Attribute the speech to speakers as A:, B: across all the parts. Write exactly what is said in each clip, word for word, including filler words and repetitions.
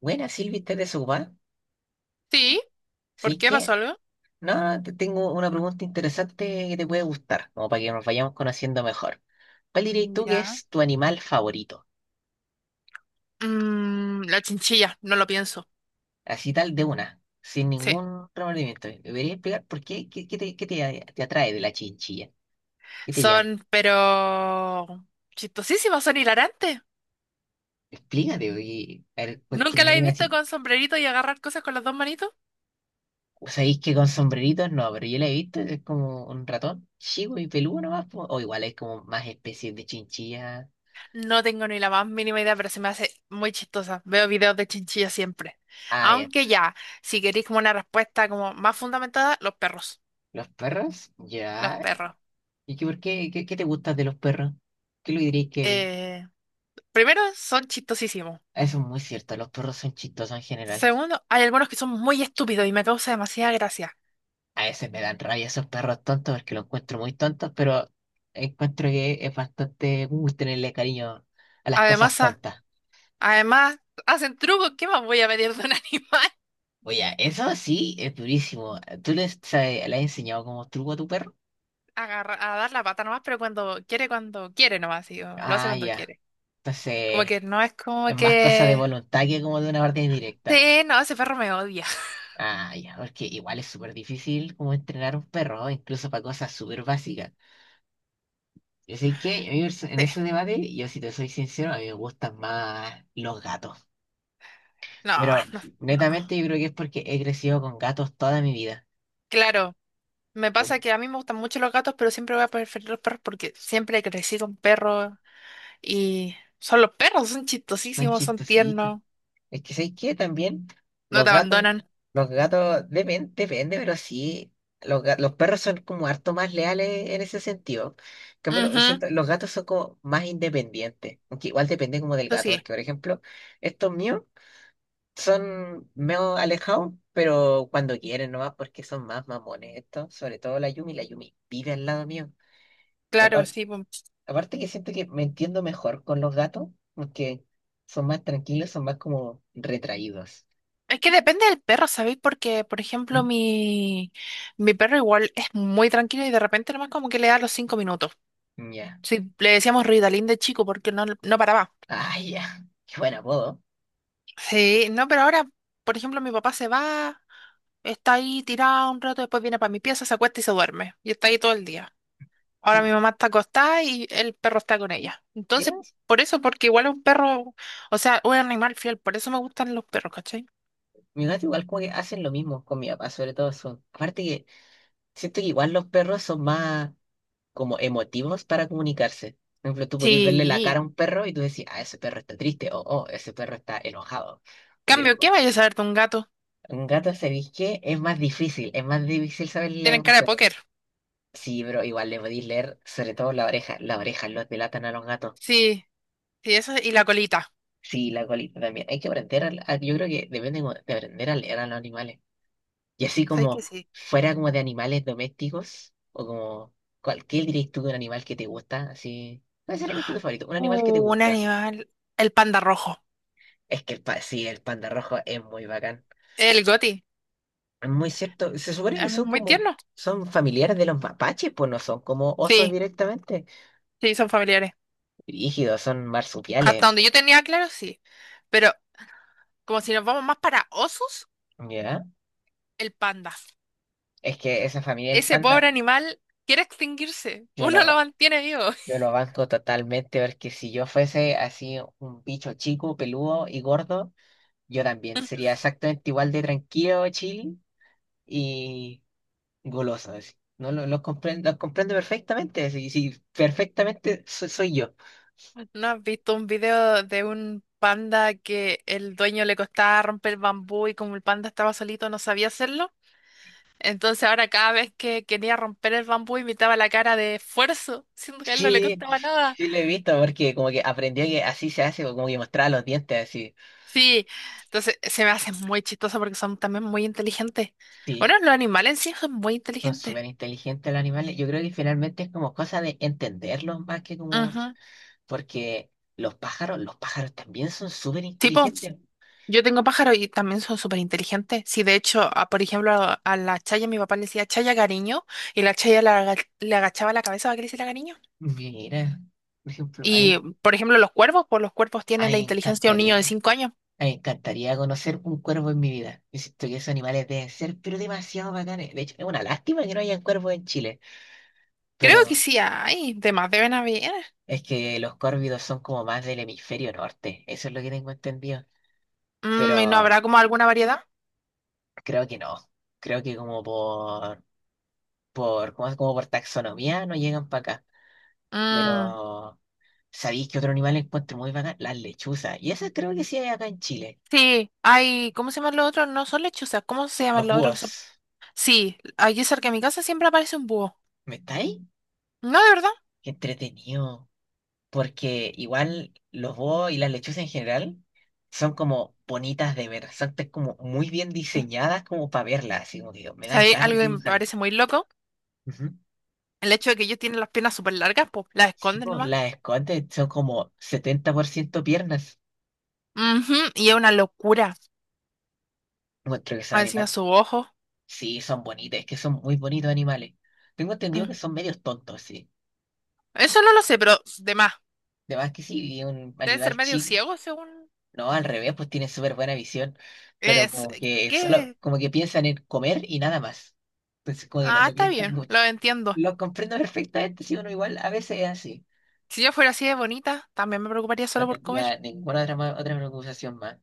A: Buena, Silvi, ¿estás desocupada?
B: Sí, ¿por
A: ¿Sí
B: qué pasó
A: que?
B: algo?
A: No, te tengo una pregunta interesante que te puede gustar, como para que nos vayamos conociendo mejor. ¿Cuál dirías tú que
B: Ya.
A: es tu animal favorito?
B: Mm, la chinchilla, no lo pienso.
A: Así tal de una, sin
B: Sí,
A: ningún remordimiento. ¿Me podrías explicar por qué? ¿Qué, qué te, qué te te atrae de la chinchilla? ¿Qué te llama?
B: son, pero chistosísimas, son hilarantes.
A: Explícate, oye, a ver, ¿por qué
B: ¿Nunca
A: me
B: la he
A: llama
B: visto
A: así?
B: con sombrerito y agarrar cosas con las dos manitos?
A: ¿Sabéis que con sombreritos no? Pero yo la he visto, es como un ratón chico y peludo nomás, po. O igual es como más especies de chinchilla.
B: No tengo ni la más mínima idea, pero se me hace muy chistosa. Veo videos de chinchilla siempre.
A: Ah, ya.
B: Aunque ya, si queréis como una respuesta como más fundamentada, los perros.
A: ¿Los perros?
B: Los
A: Ya.
B: perros.
A: ¿Y qué, por qué, qué, qué te gusta de los perros? ¿Qué lo diréis que
B: Eh, primero, son chistosísimos.
A: eso es muy cierto? Los perros son chistosos en general.
B: Segundo, hay algunos que son muy estúpidos y me causa demasiada gracia.
A: A veces me dan rabia esos perros tontos porque los encuentro muy tontos, pero encuentro que es bastante cool tenerle cariño a las cosas
B: Además,
A: tontas.
B: Además, hacen trucos, ¿qué más voy a pedir de un animal?
A: Oye, eso sí es durísimo. ¿Tú le, sabes- le has enseñado como truco a tu perro?
B: Agarra- a dar la pata nomás, pero cuando quiere, cuando quiere nomás, sí, o lo hace
A: Ah,
B: cuando
A: ya.
B: quiere. Como
A: Entonces,
B: que no es como
A: es más cosa de
B: que...
A: voluntad que como de una orden directa.
B: Sí, no, ese perro me odia.
A: Ah, ya, porque igual es súper difícil como entrenar a un perro, incluso para cosas súper básicas. Yo sé que a mí perso- en
B: Sí,
A: ese debate, yo si te soy sincero, a mí me gustan más los gatos.
B: no,
A: Pero
B: no, no.
A: netamente yo creo que es porque he crecido con gatos toda mi vida.
B: Claro, me
A: Pero
B: pasa que a mí me gustan mucho los gatos, pero siempre voy a preferir los perros porque siempre crecí con perros y son los perros, son
A: son
B: chistosísimos, son
A: chistositos.
B: tiernos,
A: Es que sé que también
B: no
A: los
B: te
A: gatos,
B: abandonan.
A: los gatos depende, depende, pero sí, los, ga- los perros son como harto más leales en ese sentido. En cambio, lo-
B: Ujú.
A: siento- los gatos son como más independientes. Aunque igual depende como del
B: Eso
A: gato,
B: sí,
A: porque por ejemplo, estos míos. Son medio alejados, pero cuando quieren nomás, porque son más mamones estos, sobre todo la Yumi, la Yumi vive al lado mío. Y
B: claro,
A: aparte,
B: sí, pues.
A: aparte que siento que me entiendo mejor con los gatos, porque son más tranquilos, son más como retraídos.
B: Es que depende del perro, ¿sabéis? Porque, por ejemplo,
A: Mm.
B: mi, mi perro igual es muy tranquilo y de repente nomás como que le da los cinco minutos.
A: Ya.
B: Sí, le decíamos Ritalin de chico porque no, no paraba.
A: Ay, ya. Qué buen apodo.
B: Sí, no, pero ahora, por ejemplo, mi papá se va, está ahí tirado un rato, después viene para mi pieza, se acuesta y se duerme. Y está ahí todo el día. Ahora
A: Mm.
B: mi mamá está acostada y el perro está con ella.
A: Ya,
B: Entonces, por eso, porque igual es un perro, o sea, un animal fiel, por eso me gustan los perros, ¿cachai?
A: mi gato igual como que hacen lo mismo con mi papá, sobre todo son. Aparte que siento que igual los perros son más como emotivos para comunicarse. Por ejemplo, tú podías verle la cara
B: Sí.
A: a un perro y tú decís, ah, ese perro está triste, o oh, ese perro está enojado. O quiere
B: Cambio, ¿qué
A: jugar.
B: vayas a saber de un gato?
A: Un gato, ¿sabéis qué? Es más difícil, es más difícil saber las
B: Tienen cara de
A: emociones.
B: póker.
A: Sí, pero igual le podéis leer, sobre todo la oreja. Las orejas los delatan a los gatos.
B: Sí, sí, eso y la colita.
A: Sí, la colita también. Hay que aprender, a, a- yo creo que deben de, de aprender a leer a los animales. Y así
B: ¿Sabes que
A: como
B: sí?
A: fuera como de animales domésticos, o como cualquier diréis tú de un animal que te gusta, así. ¿Cuál sería mi instinto favorito? Un animal que te
B: Uh, un
A: gusta.
B: animal. El panda rojo.
A: Es que el pa- sí, el panda rojo es muy bacán.
B: El goti.
A: Es muy cierto. Se supone que
B: Es
A: son
B: muy
A: como,
B: tierno.
A: son familiares de los mapaches, pues no son como osos
B: Sí,
A: directamente.
B: sí, son familiares.
A: Rígidos, son
B: Hasta
A: marsupiales.
B: donde yo tenía claro, sí. Pero como si nos vamos más para osos,
A: ¿Ya?
B: el panda.
A: Es que esa familia del
B: Ese
A: panda,
B: pobre animal quiere extinguirse.
A: yo
B: Uno lo
A: lo,
B: mantiene vivo.
A: yo lo banco totalmente, porque si yo fuese así un bicho chico, peludo y gordo, yo también sería exactamente igual de tranquilo, chill y goloso. Así. No, lo, lo comprendo, lo comprendo perfectamente, sí, sí, perfectamente so- soy yo.
B: ¿No has visto un video de un panda que el dueño le costaba romper el bambú y como el panda estaba solito no sabía hacerlo? Entonces ahora cada vez que quería romper el bambú imitaba la cara de esfuerzo, siendo que a él no le
A: Sí,
B: costaba nada.
A: sí, lo he visto porque como que aprendió que así se hace, como que mostraba los dientes así.
B: Sí, entonces se me hace muy chistoso porque son también muy inteligentes. Bueno,
A: Sí,
B: los animales en sí son muy
A: son
B: inteligentes.
A: súper inteligentes los animales. Yo creo que finalmente es como cosa de entenderlos más que como...
B: Ujú.
A: Porque los pájaros, los pájaros también son súper
B: Tipo,
A: inteligentes.
B: yo tengo pájaros y también son súper inteligentes. Sí, de hecho, a- por ejemplo, a, a la Chaya mi papá le decía Chaya cariño y la Chaya la aga- le agachaba la cabeza para que le hiciera cariño.
A: Mira, por ejemplo, a
B: Y,
A: mí,
B: por ejemplo, los cuervos, pues los cuervos
A: a
B: tienen
A: mí
B: la
A: me
B: inteligencia de un
A: encantaría,
B: niño
A: a
B: de
A: mí
B: cinco años.
A: me encantaría conocer un cuervo en mi vida. Insisto que esos animales deben ser, pero demasiado bacanes. De hecho, es una lástima que no hayan cuervos en Chile,
B: Creo que
A: pero
B: sí hay, de más deben haber.
A: es que los córvidos son como más del hemisferio norte. Eso es lo que tengo entendido.
B: Mm, ¿y no
A: Pero
B: habrá como alguna variedad?
A: creo que no. Creo que como por, por, como, como por taxonomía no llegan para acá.
B: Mm,
A: Pero, ¿sabéis que otro animal encuentro muy bacán? Las lechuzas. Y esas creo que sí hay acá en Chile.
B: sí, hay, ¿cómo se llaman los otros? No son lechuzas, ¿cómo se llaman
A: Los
B: los otros que son?
A: búhos.
B: Sí, allí cerca de mi casa siempre aparece un búho.
A: ¿Me estáis?
B: No, de verdad.
A: Qué entretenido. Porque igual los búhos y las lechuzas en general son como bonitas de ver. Son te- como muy bien
B: Eh,
A: diseñadas como para verlas. Así como que digo, me dan
B: ¿Sabéis
A: ganas de
B: algo que me
A: dibujarlas.
B: parece muy loco?
A: Ujú.
B: El hecho de que ellos tienen las piernas súper largas, pues las
A: Sí,
B: esconden
A: pues,
B: nomás.
A: las escotes son como setenta por ciento piernas.
B: Ujú, y es una locura.
A: Encuentro que son
B: Ah, encima
A: animales.
B: su ojo.
A: Sí, son bonitos, es que son muy bonitos animales. Tengo entendido que
B: Mm.
A: son medios tontos, sí.
B: Eso no lo sé, pero de más.
A: Además que sí, un
B: Deben ser
A: animal
B: medio
A: chico.
B: ciegos según...
A: No, al revés, pues tienen súper buena visión. Pero
B: Es...
A: como
B: eh,
A: que solo,
B: ¿qué?
A: como que piensan en comer y nada más. Entonces como que no,
B: Ah,
A: no
B: está
A: piensan
B: bien,
A: mucho.
B: lo entiendo.
A: Lo comprendo perfectamente, si uno igual a veces es así.
B: Si yo fuera así de bonita, también me preocuparía
A: No
B: solo por comer.
A: tendría ninguna otra, ma- otra preocupación más.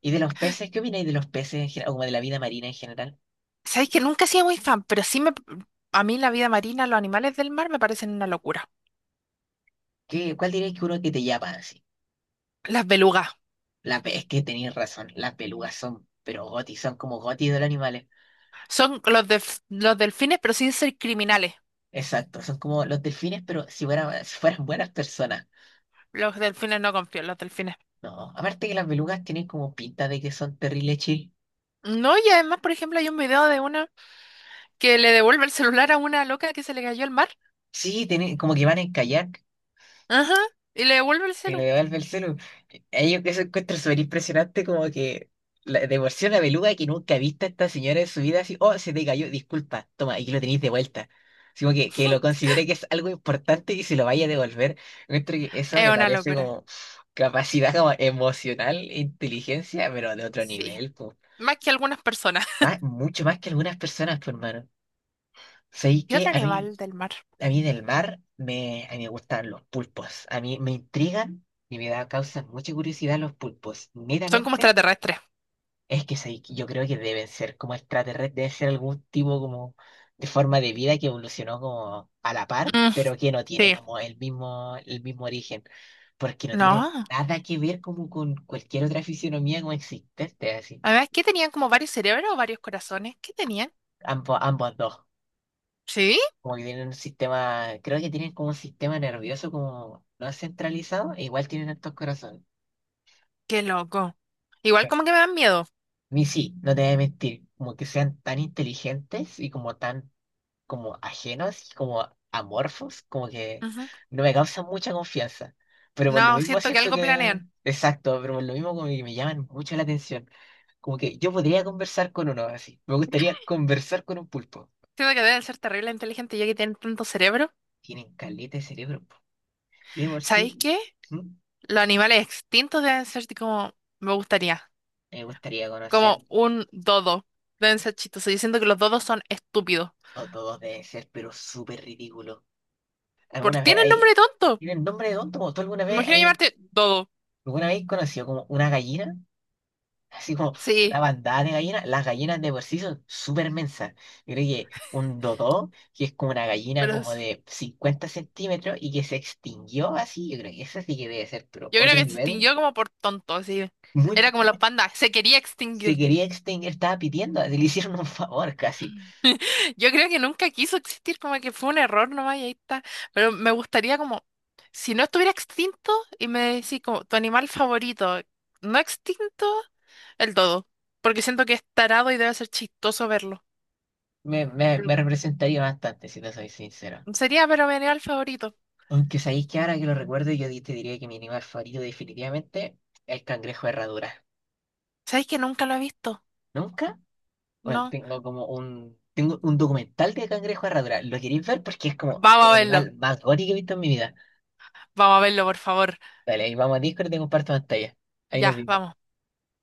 A: ¿Y de los peces? ¿Qué opináis de los peces en general? O como de la vida marina en general.
B: Sabéis que nunca he sido muy fan, pero sí me, a mí la vida marina, los animales del mar me parecen una locura.
A: ¿Qué, cuál diríais que uno que te llama así?
B: Las belugas.
A: La, pe- es que tenéis razón, las belugas son, pero gotis, son como gotis de los animales.
B: Son los, delf- los delfines, pero sin ser criminales.
A: Exacto, son como los delfines, pero si fueran, si fueran buenas personas.
B: Los delfines no confío, en los delfines.
A: No, aparte que las belugas tienen como pinta de que son terribles chill.
B: No, y además, por ejemplo, hay un video de una que le devuelve el celular a una loca que se le cayó al mar.
A: Sí, tienen, como que van a encallar,
B: Ajá. Y le devuelve el
A: y le
B: celular.
A: devuelve el celu. Ahí yo que se encuentro súper impresionante, como que la, de por sí una beluga que nunca ha visto a esta señora en su vida, así, oh, se te cayó, disculpa, toma, aquí lo tenéis de vuelta. Así como que, que lo considere que es algo importante y se lo vaya a devolver. Encuentro que eso
B: Es
A: me
B: una
A: parece
B: locura.
A: como capacidad como emocional, e inteligencia, pero de otro
B: Sí.
A: nivel, pues.
B: Más que algunas personas.
A: Más- mucho más que algunas personas, pues, hermano. ¿Sabéis
B: ¿Y
A: que
B: otro
A: a mí?
B: animal del mar?
A: A mí del mar me, a mí me gustan los pulpos. A mí me intrigan y me da, causan mucha curiosidad los pulpos.
B: Son como
A: Netamente,
B: extraterrestres.
A: es que soy yo creo que deben ser como extraterrestres, debe ser algún tipo como de forma de vida que evolucionó como a la par,
B: Mm,
A: pero que no tiene
B: sí.
A: como el mismo, el mismo origen, porque no tiene
B: No.
A: nada que ver como con cualquier otra fisionomía como existente, así.
B: Además, ¿qué tenían como varios cerebros o varios corazones? ¿Qué tenían?
A: Ambos, ambos dos.
B: Sí.
A: Como que tienen un sistema, creo que tienen como un sistema nervioso como no es centralizado, e igual tienen altos corazones.
B: Qué loco. Igual
A: Ok.
B: como que me dan miedo.
A: Ni sí, no te voy a mentir, como que sean tan inteligentes y como tan como ajenos y como amorfos, como que
B: Ujú.
A: no me causan mucha confianza. Pero por lo
B: No,
A: mismo
B: siento que
A: siento
B: algo
A: que,
B: planean.
A: exacto, pero por lo mismo como que me llaman mucho la atención. Como que yo podría conversar con uno así. Me gustaría conversar con un pulpo.
B: Siento que deben ser terrible inteligentes ya que tienen tanto cerebro.
A: Tienen caleta de cerebro. Po. Y de por
B: ¿Sabéis
A: sí,
B: qué?
A: ¿mm?
B: Los animales extintos deben ser como me gustaría.
A: Me gustaría conocer.
B: Como un dodo. Deben ser chistosos. Yo siento que los dodos son estúpidos.
A: No todos deben ser, pero súper ridículo.
B: Por
A: ¿Alguna vez
B: tienen nombre
A: hay...
B: tonto.
A: tiene el nombre de tonto? Como ¿tú alguna
B: Me
A: vez
B: imagino
A: hay...
B: llamarte dodo.
A: alguna vez has conocido como una gallina? Así como una
B: Sí,
A: bandada de gallinas. Las gallinas de por sí son súper mensas. Yo creo que un dodó, que es como una gallina
B: pero
A: como
B: es-
A: de cincuenta centímetros y que se extinguió así, yo creo que esa sí que debe ser, pero
B: yo creo que
A: otro
B: se
A: nivel.
B: extinguió como por tonto, así.
A: Muy
B: Era como los
A: probablemente
B: pandas. Se quería
A: se
B: extinguir.
A: quería extinguir, estaba pidiendo, así le hicieron un favor casi.
B: Yo creo que nunca quiso existir, como que fue un error nomás y ahí está. Pero me gustaría como, si no estuviera extinto y me decís como tu animal favorito, no extinto, el dodo. Porque siento que es tarado y debe ser chistoso verlo.
A: Me, me,
B: El-
A: me representaría bastante, si te soy sincero.
B: Sería, pero mi animal favorito.
A: Aunque sabéis que ahora que lo recuerdo, yo di- te diría que mi animal favorito definitivamente es el cangrejo de herradura.
B: ¿Sabéis que nunca lo he visto?
A: ¿Nunca? Bueno,
B: No.
A: tengo como un, tengo un documental de cangrejo de herradura. ¿Lo queréis ver? Porque es como
B: Vamos a
A: el
B: verlo.
A: animal más gótico que he visto en mi vida.
B: Vamos a verlo, por favor.
A: Dale, ahí vamos a Discord y te comparto pantalla. Ahí nos
B: Ya,
A: vimos.
B: vamos.